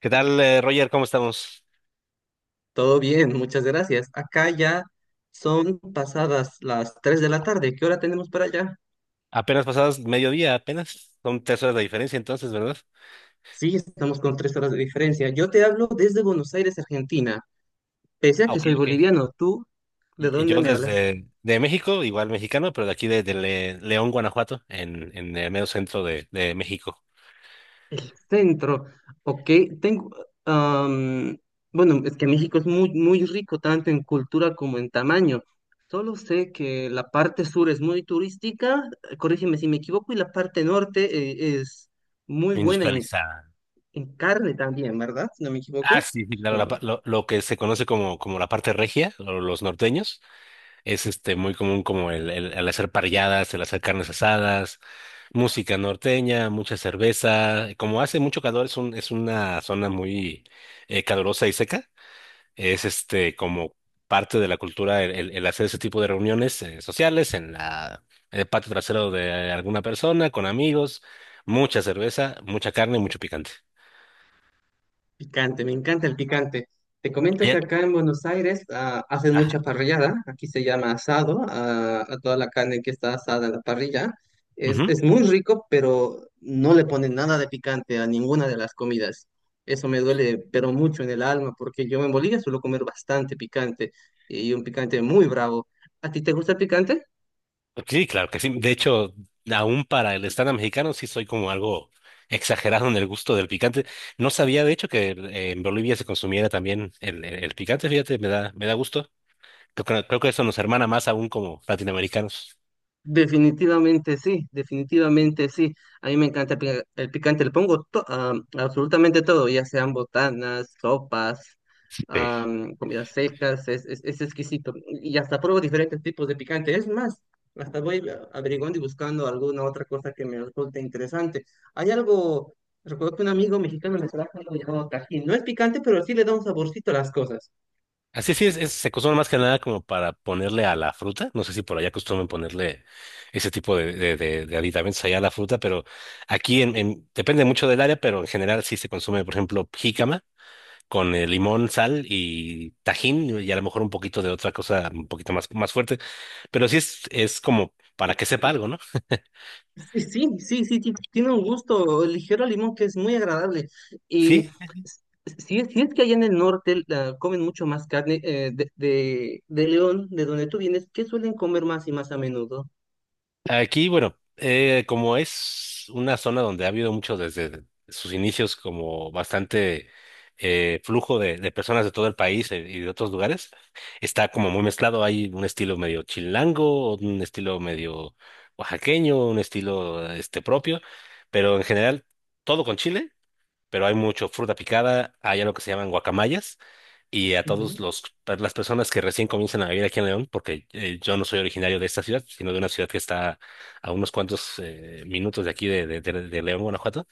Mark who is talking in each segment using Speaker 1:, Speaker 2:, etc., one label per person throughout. Speaker 1: ¿Qué tal, Roger? ¿Cómo estamos?
Speaker 2: Todo bien, muchas gracias. Acá ya son pasadas las 3 de la tarde. ¿Qué hora tenemos para allá?
Speaker 1: Apenas pasadas mediodía, apenas. Son 3 horas de diferencia entonces, ¿verdad?
Speaker 2: Sí, estamos con 3 horas de diferencia. Yo te hablo desde Buenos Aires, Argentina. Pese a
Speaker 1: Ah,
Speaker 2: que
Speaker 1: ok,
Speaker 2: soy
Speaker 1: ok.
Speaker 2: boliviano, ¿tú de
Speaker 1: Y
Speaker 2: dónde
Speaker 1: yo
Speaker 2: me hablas?
Speaker 1: desde de México, igual mexicano, pero de aquí de León, Guanajuato, en el medio centro de México,
Speaker 2: El centro. Ok. tengo... am, bueno, es que México es muy, muy rico tanto en cultura como en tamaño. Solo sé que la parte sur es muy turística, corrígeme si me equivoco, y la parte norte es muy buena en.
Speaker 1: industrializada.
Speaker 2: En carne también, ¿verdad? Si no me
Speaker 1: Ah,
Speaker 2: equivoco.
Speaker 1: sí, sí, claro,
Speaker 2: ¿O
Speaker 1: la pa-
Speaker 2: no?
Speaker 1: lo, lo que se conoce como, como la parte regia, o los norteños. Es muy común como el hacer parrilladas, el hacer carnes asadas, música norteña, mucha cerveza. Como hace mucho calor, es una zona muy calurosa y seca. Es como parte de la cultura el hacer ese tipo de reuniones sociales en el patio trasero de alguna persona, con amigos, mucha cerveza, mucha carne y mucho picante.
Speaker 2: Picante, me encanta el picante. Te comento que
Speaker 1: Allá-
Speaker 2: acá en Buenos Aires hacen
Speaker 1: Ajá.
Speaker 2: mucha parrillada. Aquí se llama asado, ah, a toda la carne que está asada en la parrilla. Es muy rico, pero no le ponen nada de picante a ninguna de las comidas. Eso me duele, pero mucho en el alma, porque yo en Bolivia suelo comer bastante picante y un picante muy bravo. ¿A ti te gusta el picante?
Speaker 1: Sí, claro que sí. De hecho, aún para el estándar mexicano sí soy como algo exagerado en el gusto del picante. No sabía, de hecho, que en Bolivia se consumiera también el picante. Fíjate, me da gusto. Creo que eso nos hermana más aún como latinoamericanos.
Speaker 2: Definitivamente sí, definitivamente sí. A mí me encanta el picante, le pongo a absolutamente todo, ya sean botanas, sopas,
Speaker 1: Sí.
Speaker 2: comidas secas, es exquisito. Y hasta pruebo diferentes tipos de picante. Es más, hasta averiguando y buscando alguna otra cosa que me resulte interesante. Hay algo, recuerdo que un amigo mexicano me trajo algo llamado Tajín. No es picante, pero sí le da un saborcito a las cosas.
Speaker 1: Así sí, se consume más que nada como para ponerle a la fruta. No sé si por allá acostumbran ponerle ese tipo de aditamentos allá a la fruta, pero aquí depende mucho del área, pero en general sí se consume, por ejemplo, jícama, con limón, sal y tajín y a lo mejor un poquito de otra cosa un poquito más fuerte, pero sí es como para que sepa algo, ¿no?
Speaker 2: Sí, sí, sí, sí, tiene un gusto ligero al limón que es muy agradable. Y
Speaker 1: Sí,
Speaker 2: s- si es, si es que allá en el norte la, comen mucho más carne de León, de donde tú vienes, ¿qué suelen comer más y más a menudo?
Speaker 1: aquí, bueno, como es una zona donde ha habido mucho desde sus inicios como bastante flujo de personas de todo el país y de otros lugares, está como muy mezclado, hay un estilo medio chilango, un estilo medio oaxaqueño, un estilo propio, pero en general todo con chile, pero hay mucho fruta picada, hay algo que se llaman guacamayas, y a todos
Speaker 2: Ujú.
Speaker 1: los, a las personas que recién comienzan a vivir aquí en León, porque yo no soy originario de esta ciudad, sino de una ciudad que está a unos cuantos minutos de aquí de León, Guanajuato,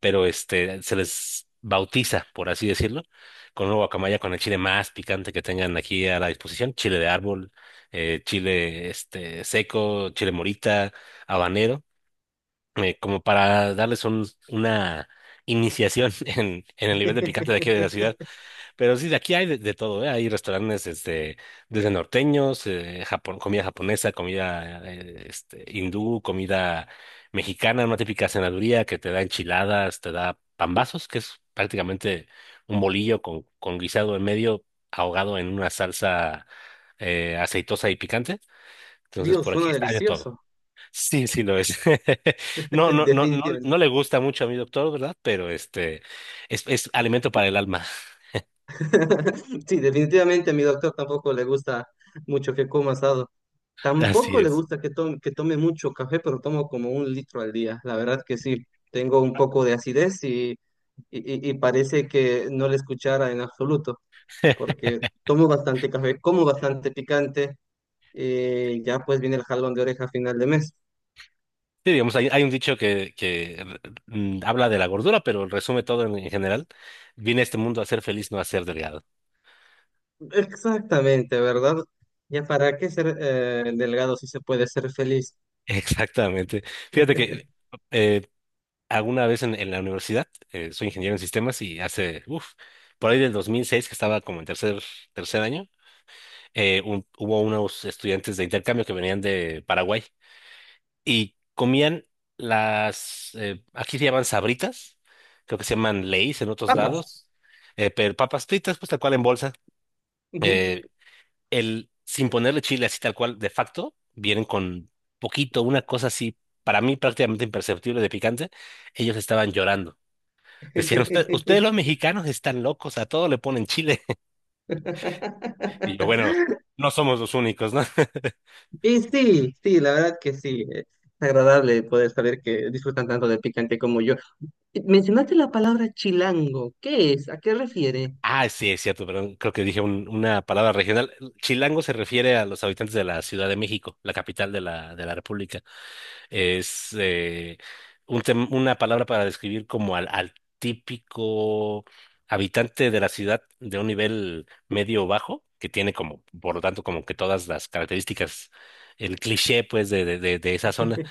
Speaker 1: pero se les bautiza, por así decirlo, con una guacamaya con el chile más picante que tengan aquí a la disposición, chile de árbol, chile seco, chile morita, habanero, como para darles una iniciación en el nivel de picante de aquí de la ciudad. Pero sí, de aquí hay de todo, ¿eh? Hay restaurantes desde norteños, Japón, comida japonesa, comida hindú, comida mexicana, una típica cenaduría que te da enchiladas, te da pambazos, que es prácticamente un bolillo con guisado en medio, ahogado en una salsa aceitosa y picante. Entonces,
Speaker 2: Dios,
Speaker 1: por aquí
Speaker 2: suena
Speaker 1: está de todo.
Speaker 2: delicioso.
Speaker 1: Sí, sí lo es. No, no, no, no,
Speaker 2: Definitivamente.
Speaker 1: no le gusta mucho a mi doctor, ¿verdad? Pero es alimento para el alma.
Speaker 2: Sí, definitivamente a mi doctor tampoco le gusta mucho que coma asado.
Speaker 1: Así
Speaker 2: Tampoco le
Speaker 1: es.
Speaker 2: gusta que tome mucho café, pero tomo como un litro al día. La verdad que sí, tengo un poco de acidez y, y parece que no le escuchara en absoluto, porque tomo bastante café, como bastante picante, y ya pues viene el jalón de oreja a final de mes.
Speaker 1: Sí, digamos, hay un dicho que habla de la gordura, pero resume todo en general. Vine a este mundo a ser feliz, no a ser delgado.
Speaker 2: Exactamente, ¿verdad? Ya para qué ser delgado si se puede ser feliz.
Speaker 1: Exactamente. Fíjate que eh, alguna vez en la universidad, soy ingeniero en sistemas y hace, uff, por ahí del 2006, que estaba como en tercer año, hubo unos estudiantes de intercambio que venían de Paraguay, y comían las, aquí se llaman sabritas, creo que se llaman Lay's en otros
Speaker 2: Papas.
Speaker 1: lados, pero papas fritas, pues tal cual en bolsa.
Speaker 2: Ujú.
Speaker 1: Eh, Sin ponerle chile así tal cual, de facto, vienen con poquito, una cosa así, para mí prácticamente imperceptible de picante, ellos estaban llorando. Decían, "Ustedes los mexicanos están locos, a todo le ponen chile". Y yo, bueno, no somos los únicos, ¿no?
Speaker 2: Y sí, sí, la verdad que sí. Es agradable poder saber que disfrutan tanto del picante como yo. Mencionaste la palabra chilango. ¿Qué es? ¿A qué refiere?
Speaker 1: Ah, sí, es cierto, perdón. Creo que dije una palabra regional. Chilango se refiere a los habitantes de la Ciudad de México, la capital de la República. Es una palabra para describir como al típico habitante de la ciudad de un nivel medio o bajo, que tiene como, por lo tanto, como que todas las características, el cliché, pues, de esa zona,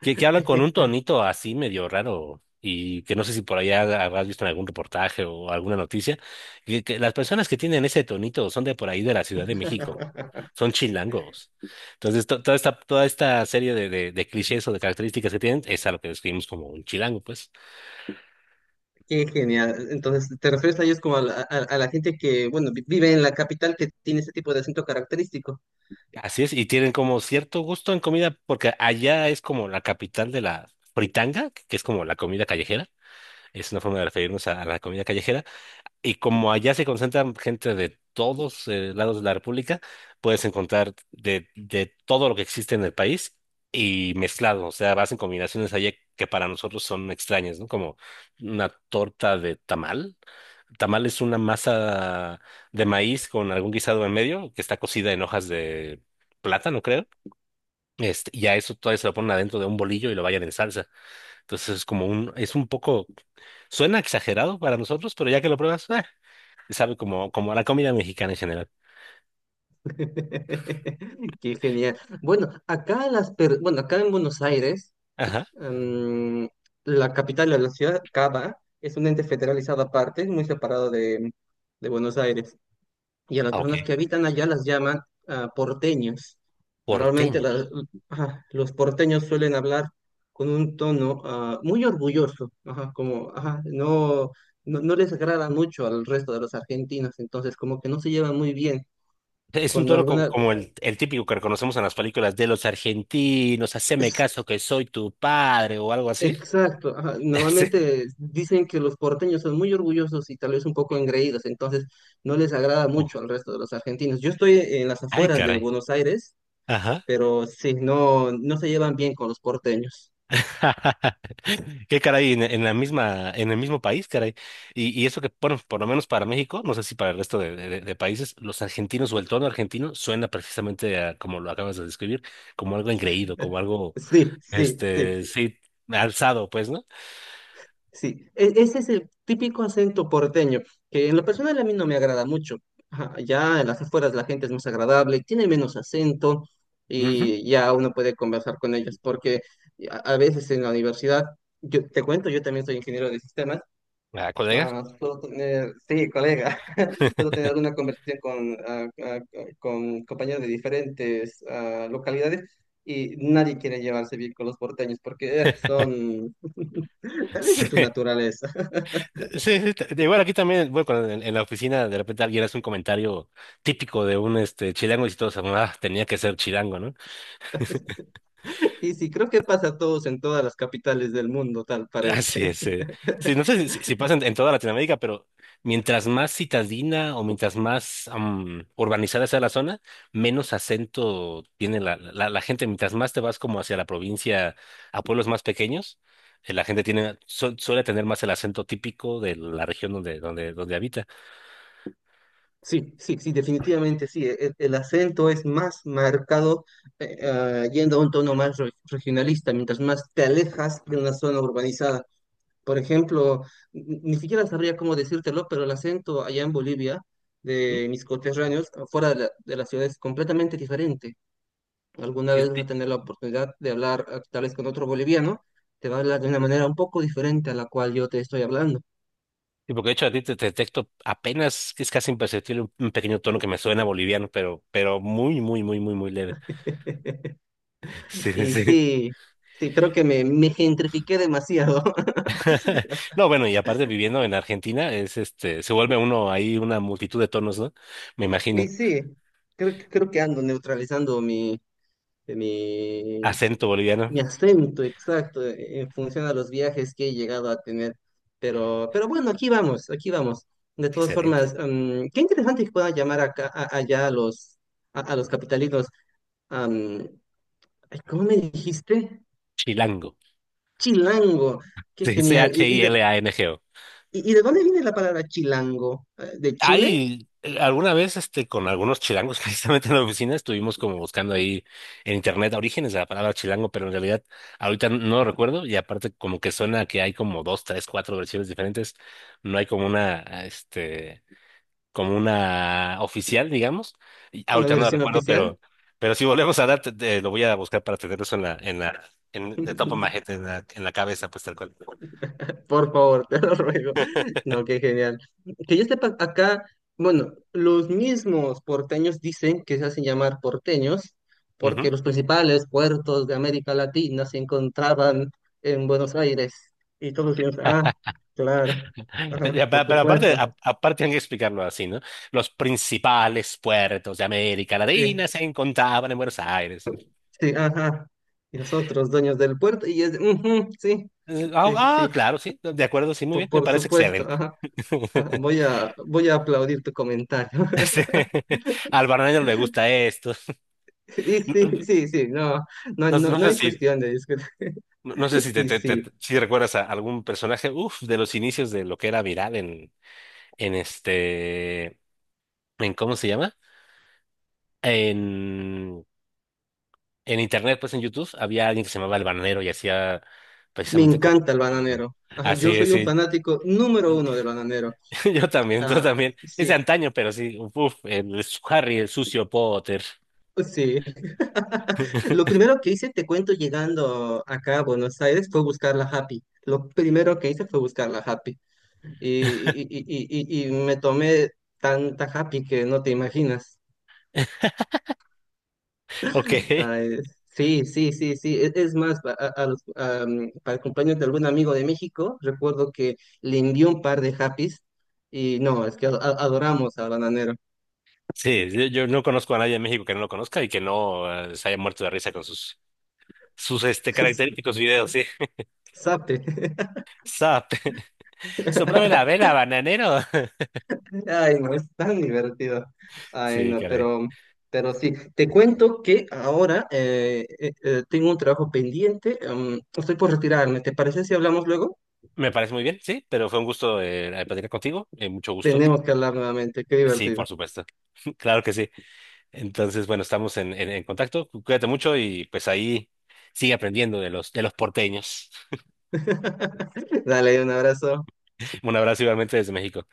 Speaker 1: que hablan con un tonito así medio raro y que no sé si por allá habrás visto en algún reportaje o alguna noticia, que las personas que tienen ese tonito son de por ahí de la Ciudad de México, son chilangos. Entonces, toda esta serie de clichés o de características que tienen es a lo que describimos como un chilango, pues.
Speaker 2: Qué genial. Entonces, ¿te refieres a ellos como a la gente que, bueno, vive en la capital que tiene ese tipo de acento característico?
Speaker 1: Así es, y tienen como cierto gusto en comida porque allá es como la capital de la fritanga, que es como la comida callejera. Es una forma de referirnos a la comida callejera. Y como allá se concentran gente de todos lados de la República, puedes encontrar de todo lo que existe en el país y mezclado. O sea, vas en combinaciones allá que para nosotros son extrañas, ¿no? Como una torta de tamal. Tamal es una masa de maíz con algún guisado en medio que está cocida en hojas de plátano, creo. Y a eso todavía se lo ponen adentro de un bolillo y lo vayan en salsa. Entonces es un poco, suena exagerado para nosotros, pero ya que lo pruebas, ah, sabe como a la comida mexicana en general.
Speaker 2: Qué genial. Bueno, acá acá en Buenos Aires,
Speaker 1: Ajá.
Speaker 2: mm, la capital de la ciudad, Cava, es un ente federalizado aparte, muy separado de Buenos Aires, y a las
Speaker 1: Ah, ok.
Speaker 2: personas que habitan allá las llaman porteños. Normalmente
Speaker 1: Porteños.
Speaker 2: ajá, los porteños suelen hablar con un tono muy orgulloso, ajá, como ajá, no, no, no les agrada mucho al resto de los argentinos, entonces como que no se llevan muy bien
Speaker 1: Es un
Speaker 2: cuando
Speaker 1: tono co-
Speaker 2: alguna...
Speaker 1: como el típico que reconocemos en las películas de los argentinos, haceme
Speaker 2: es-
Speaker 1: caso que soy tu padre o algo así.
Speaker 2: exacto, ajá,
Speaker 1: Sí.
Speaker 2: normalmente dicen que los porteños son muy orgullosos y tal vez un poco engreídos, entonces no les agrada
Speaker 1: Uf,
Speaker 2: mucho al resto de los argentinos. Yo estoy en las
Speaker 1: ay,
Speaker 2: afueras de
Speaker 1: caray.
Speaker 2: Buenos Aires,
Speaker 1: Ajá.
Speaker 2: pero sí, no, no se llevan bien con los porteños.
Speaker 1: Qué caray, en el mismo país, caray. Y eso que, bueno, por lo menos para México, no sé si para el resto de países, los argentinos o el tono argentino suena precisamente a, como lo acabas de describir, como algo engreído, como algo,
Speaker 2: Sí, sí, sí,
Speaker 1: sí, alzado, pues, ¿no?
Speaker 2: sí. Ese es el típico acento porteño, que en lo personal a mí no me agrada mucho. Ajá, ya en las afueras la gente es más agradable, tiene menos acento
Speaker 1: Ujú.
Speaker 2: y ya uno puede conversar con ellos, porque a veces en la universidad, yo te cuento, yo también soy ingeniero de sistemas.
Speaker 1: Ah, colega.
Speaker 2: Ah, solo tener, sí, colega, solo tener una conversación con, con compañeros de diferentes localidades, y nadie quiere llevarse bien con los porteños porque son, tal vez
Speaker 1: Sí,
Speaker 2: es su naturaleza.
Speaker 1: sí, sí, igual aquí también, bueno, cuando en la oficina de repente alguien hace un comentario típico de un chilango y todos, ah, tenía que ser chilango, ¿no?
Speaker 2: Y sí, creo que pasa a todos en todas las capitales del mundo, tal
Speaker 1: Así
Speaker 2: parece.
Speaker 1: es. Sí, no sé si pasa en toda Latinoamérica, pero mientras más citadina o mientras más urbanizada sea la zona, menos acento tiene la gente. Mientras más te vas como hacia la provincia, a pueblos más pequeños, la gente suele tener más el acento típico de la región donde habita.
Speaker 2: Sí, sí, sí, definitivamente sí. El acento es más marcado yendo a un tono más regionalista, mientras más te alejas de una zona urbanizada. Por ejemplo, ni siquiera sabría cómo decírtelo, pero el acento allá en Bolivia
Speaker 1: ¿Mm?
Speaker 2: de mis coterráneos fuera de la ciudad es completamente diferente. Alguna
Speaker 1: Y-
Speaker 2: vez vas a
Speaker 1: y-
Speaker 2: tener la oportunidad de hablar tal vez con otro boliviano, te va a hablar de una manera un poco diferente a la cual yo te estoy hablando.
Speaker 1: y porque de hecho a ti te detecto apenas, es casi imperceptible un pequeño tono que me suena boliviano, pero muy, muy, muy, muy, muy leve. Sí, sí.
Speaker 2: Y
Speaker 1: Sí.
Speaker 2: sí, sí, creo que me gentrifiqué demasiado.
Speaker 1: No, bueno, y aparte viviendo en Argentina, se vuelve uno ahí una multitud de tonos, ¿no? Me imagino.
Speaker 2: Y sí, creo que ando neutralizando mi,
Speaker 1: Acento boliviano.
Speaker 2: Mi acento, exacto, en función a los viajes que he llegado a tener. Pero bueno, aquí vamos, aquí vamos. De todas
Speaker 1: Excelente.
Speaker 2: formas, qué interesante que puedan llamar allá a los, a los capitalinos. am, Ay, ¿cómo me dijiste?
Speaker 1: Chilango.
Speaker 2: Chilango, qué
Speaker 1: Sí,
Speaker 2: genial. ¿Y, y de,
Speaker 1: C-H-I-L-A-N-G-O.
Speaker 2: y- y de dónde viene la palabra chilango? ¿De Chile?
Speaker 1: Ahí, alguna vez con algunos chilangos, precisamente en la oficina, estuvimos como buscando ahí en internet orígenes de la palabra chilango, pero en realidad ahorita no lo recuerdo y aparte como que suena que hay como dos, tres, cuatro versiones diferentes, no hay como una, este, como una oficial, digamos, y
Speaker 2: ¿Una
Speaker 1: ahorita no la
Speaker 2: versión
Speaker 1: recuerdo,
Speaker 2: oficial?
Speaker 1: pero si volvemos a dar, lo voy a buscar para tener eso en de top of my head, en la cabeza, pues tal cual.
Speaker 2: Por favor, te lo ruego. No, qué genial. Que yo sepa, acá, bueno, los mismos porteños dicen que se hacen llamar porteños
Speaker 1: Ujú.
Speaker 2: porque los principales puertos de América Latina se encontraban en Buenos Aires. Y todos decían, ah, claro, ajá,
Speaker 1: Ya, pe-
Speaker 2: por
Speaker 1: Pero aparte,
Speaker 2: supuesto.
Speaker 1: aparte hay que explicarlo así, ¿no? Los principales puertos de América
Speaker 2: Sí,
Speaker 1: Latina se encontraban en Buenos Aires.
Speaker 2: sí, ajá. Y nosotros, dueños del puerto, y es, de, "Ujú, sí, sí,
Speaker 1: Ah, ah,
Speaker 2: sí,
Speaker 1: claro, sí, de acuerdo, sí, muy
Speaker 2: por,
Speaker 1: bien, me
Speaker 2: por
Speaker 1: parece
Speaker 2: supuesto,
Speaker 1: excelente.
Speaker 2: ajá, ajá, Voy a aplaudir tu comentario.
Speaker 1: Sí. Al Barney le gusta esto.
Speaker 2: Y
Speaker 1: No,
Speaker 2: sí, sí, sí, no, no,
Speaker 1: no
Speaker 2: no,
Speaker 1: no
Speaker 2: no
Speaker 1: sé
Speaker 2: hay
Speaker 1: si,
Speaker 2: cuestión de discutir.
Speaker 1: no no sé si te,
Speaker 2: Y
Speaker 1: te- te-
Speaker 2: sí,
Speaker 1: si recuerdas a algún personaje, uf, de los inicios de lo que era viral en, en este, en ¿cómo se llama? en en internet, pues en YouTube, había alguien que se llamaba El Bananero y hacía
Speaker 2: me
Speaker 1: precisamente como.
Speaker 2: encanta el bananero. Ajá, yo
Speaker 1: Así es,
Speaker 2: soy un
Speaker 1: sí.
Speaker 2: fanático número uno del bananero.
Speaker 1: Yo también, tú
Speaker 2: Ah,
Speaker 1: también. Es de
Speaker 2: sí,
Speaker 1: antaño, pero sí. Uf, el Harry, el sucio Potter.
Speaker 2: sí. Lo primero que hice, te cuento, llegando acá a Buenos Aires fue buscar la Happy. Lo primero que hice fue buscar la Happy. Y me tomé tanta Happy que no te imaginas.
Speaker 1: Ok.
Speaker 2: Ah, sí, sí, sí, sí. Es más, pa- a los- a, mm, para el cumpleaños de algún amigo de México, recuerdo que le envió un par de happies y no, es que adoramos al bananero.
Speaker 1: Sí, yo no conozco a nadie en México que no lo conozca y que no se haya muerto de risa con sus característicos videos, sí.
Speaker 2: Sape.
Speaker 1: Zap. Sóprame la vela, bananero.
Speaker 2: Ay, no, es tan divertido. Ay,
Speaker 1: Sí,
Speaker 2: no,
Speaker 1: caray.
Speaker 2: pero, sí. Te cuento que ahora tengo un trabajo pendiente. Estoy por retirarme. ¿Te parece si hablamos luego?
Speaker 1: Me parece muy bien, sí, pero fue un gusto platicar contigo. Mucho gusto.
Speaker 2: Tenemos que hablar nuevamente. Qué
Speaker 1: Sí, por
Speaker 2: divertido.
Speaker 1: supuesto. Claro que sí. Entonces, bueno, estamos en contacto. Cuídate mucho y pues ahí sigue aprendiendo de los porteños.
Speaker 2: Dale, un abrazo.
Speaker 1: Un abrazo igualmente desde México.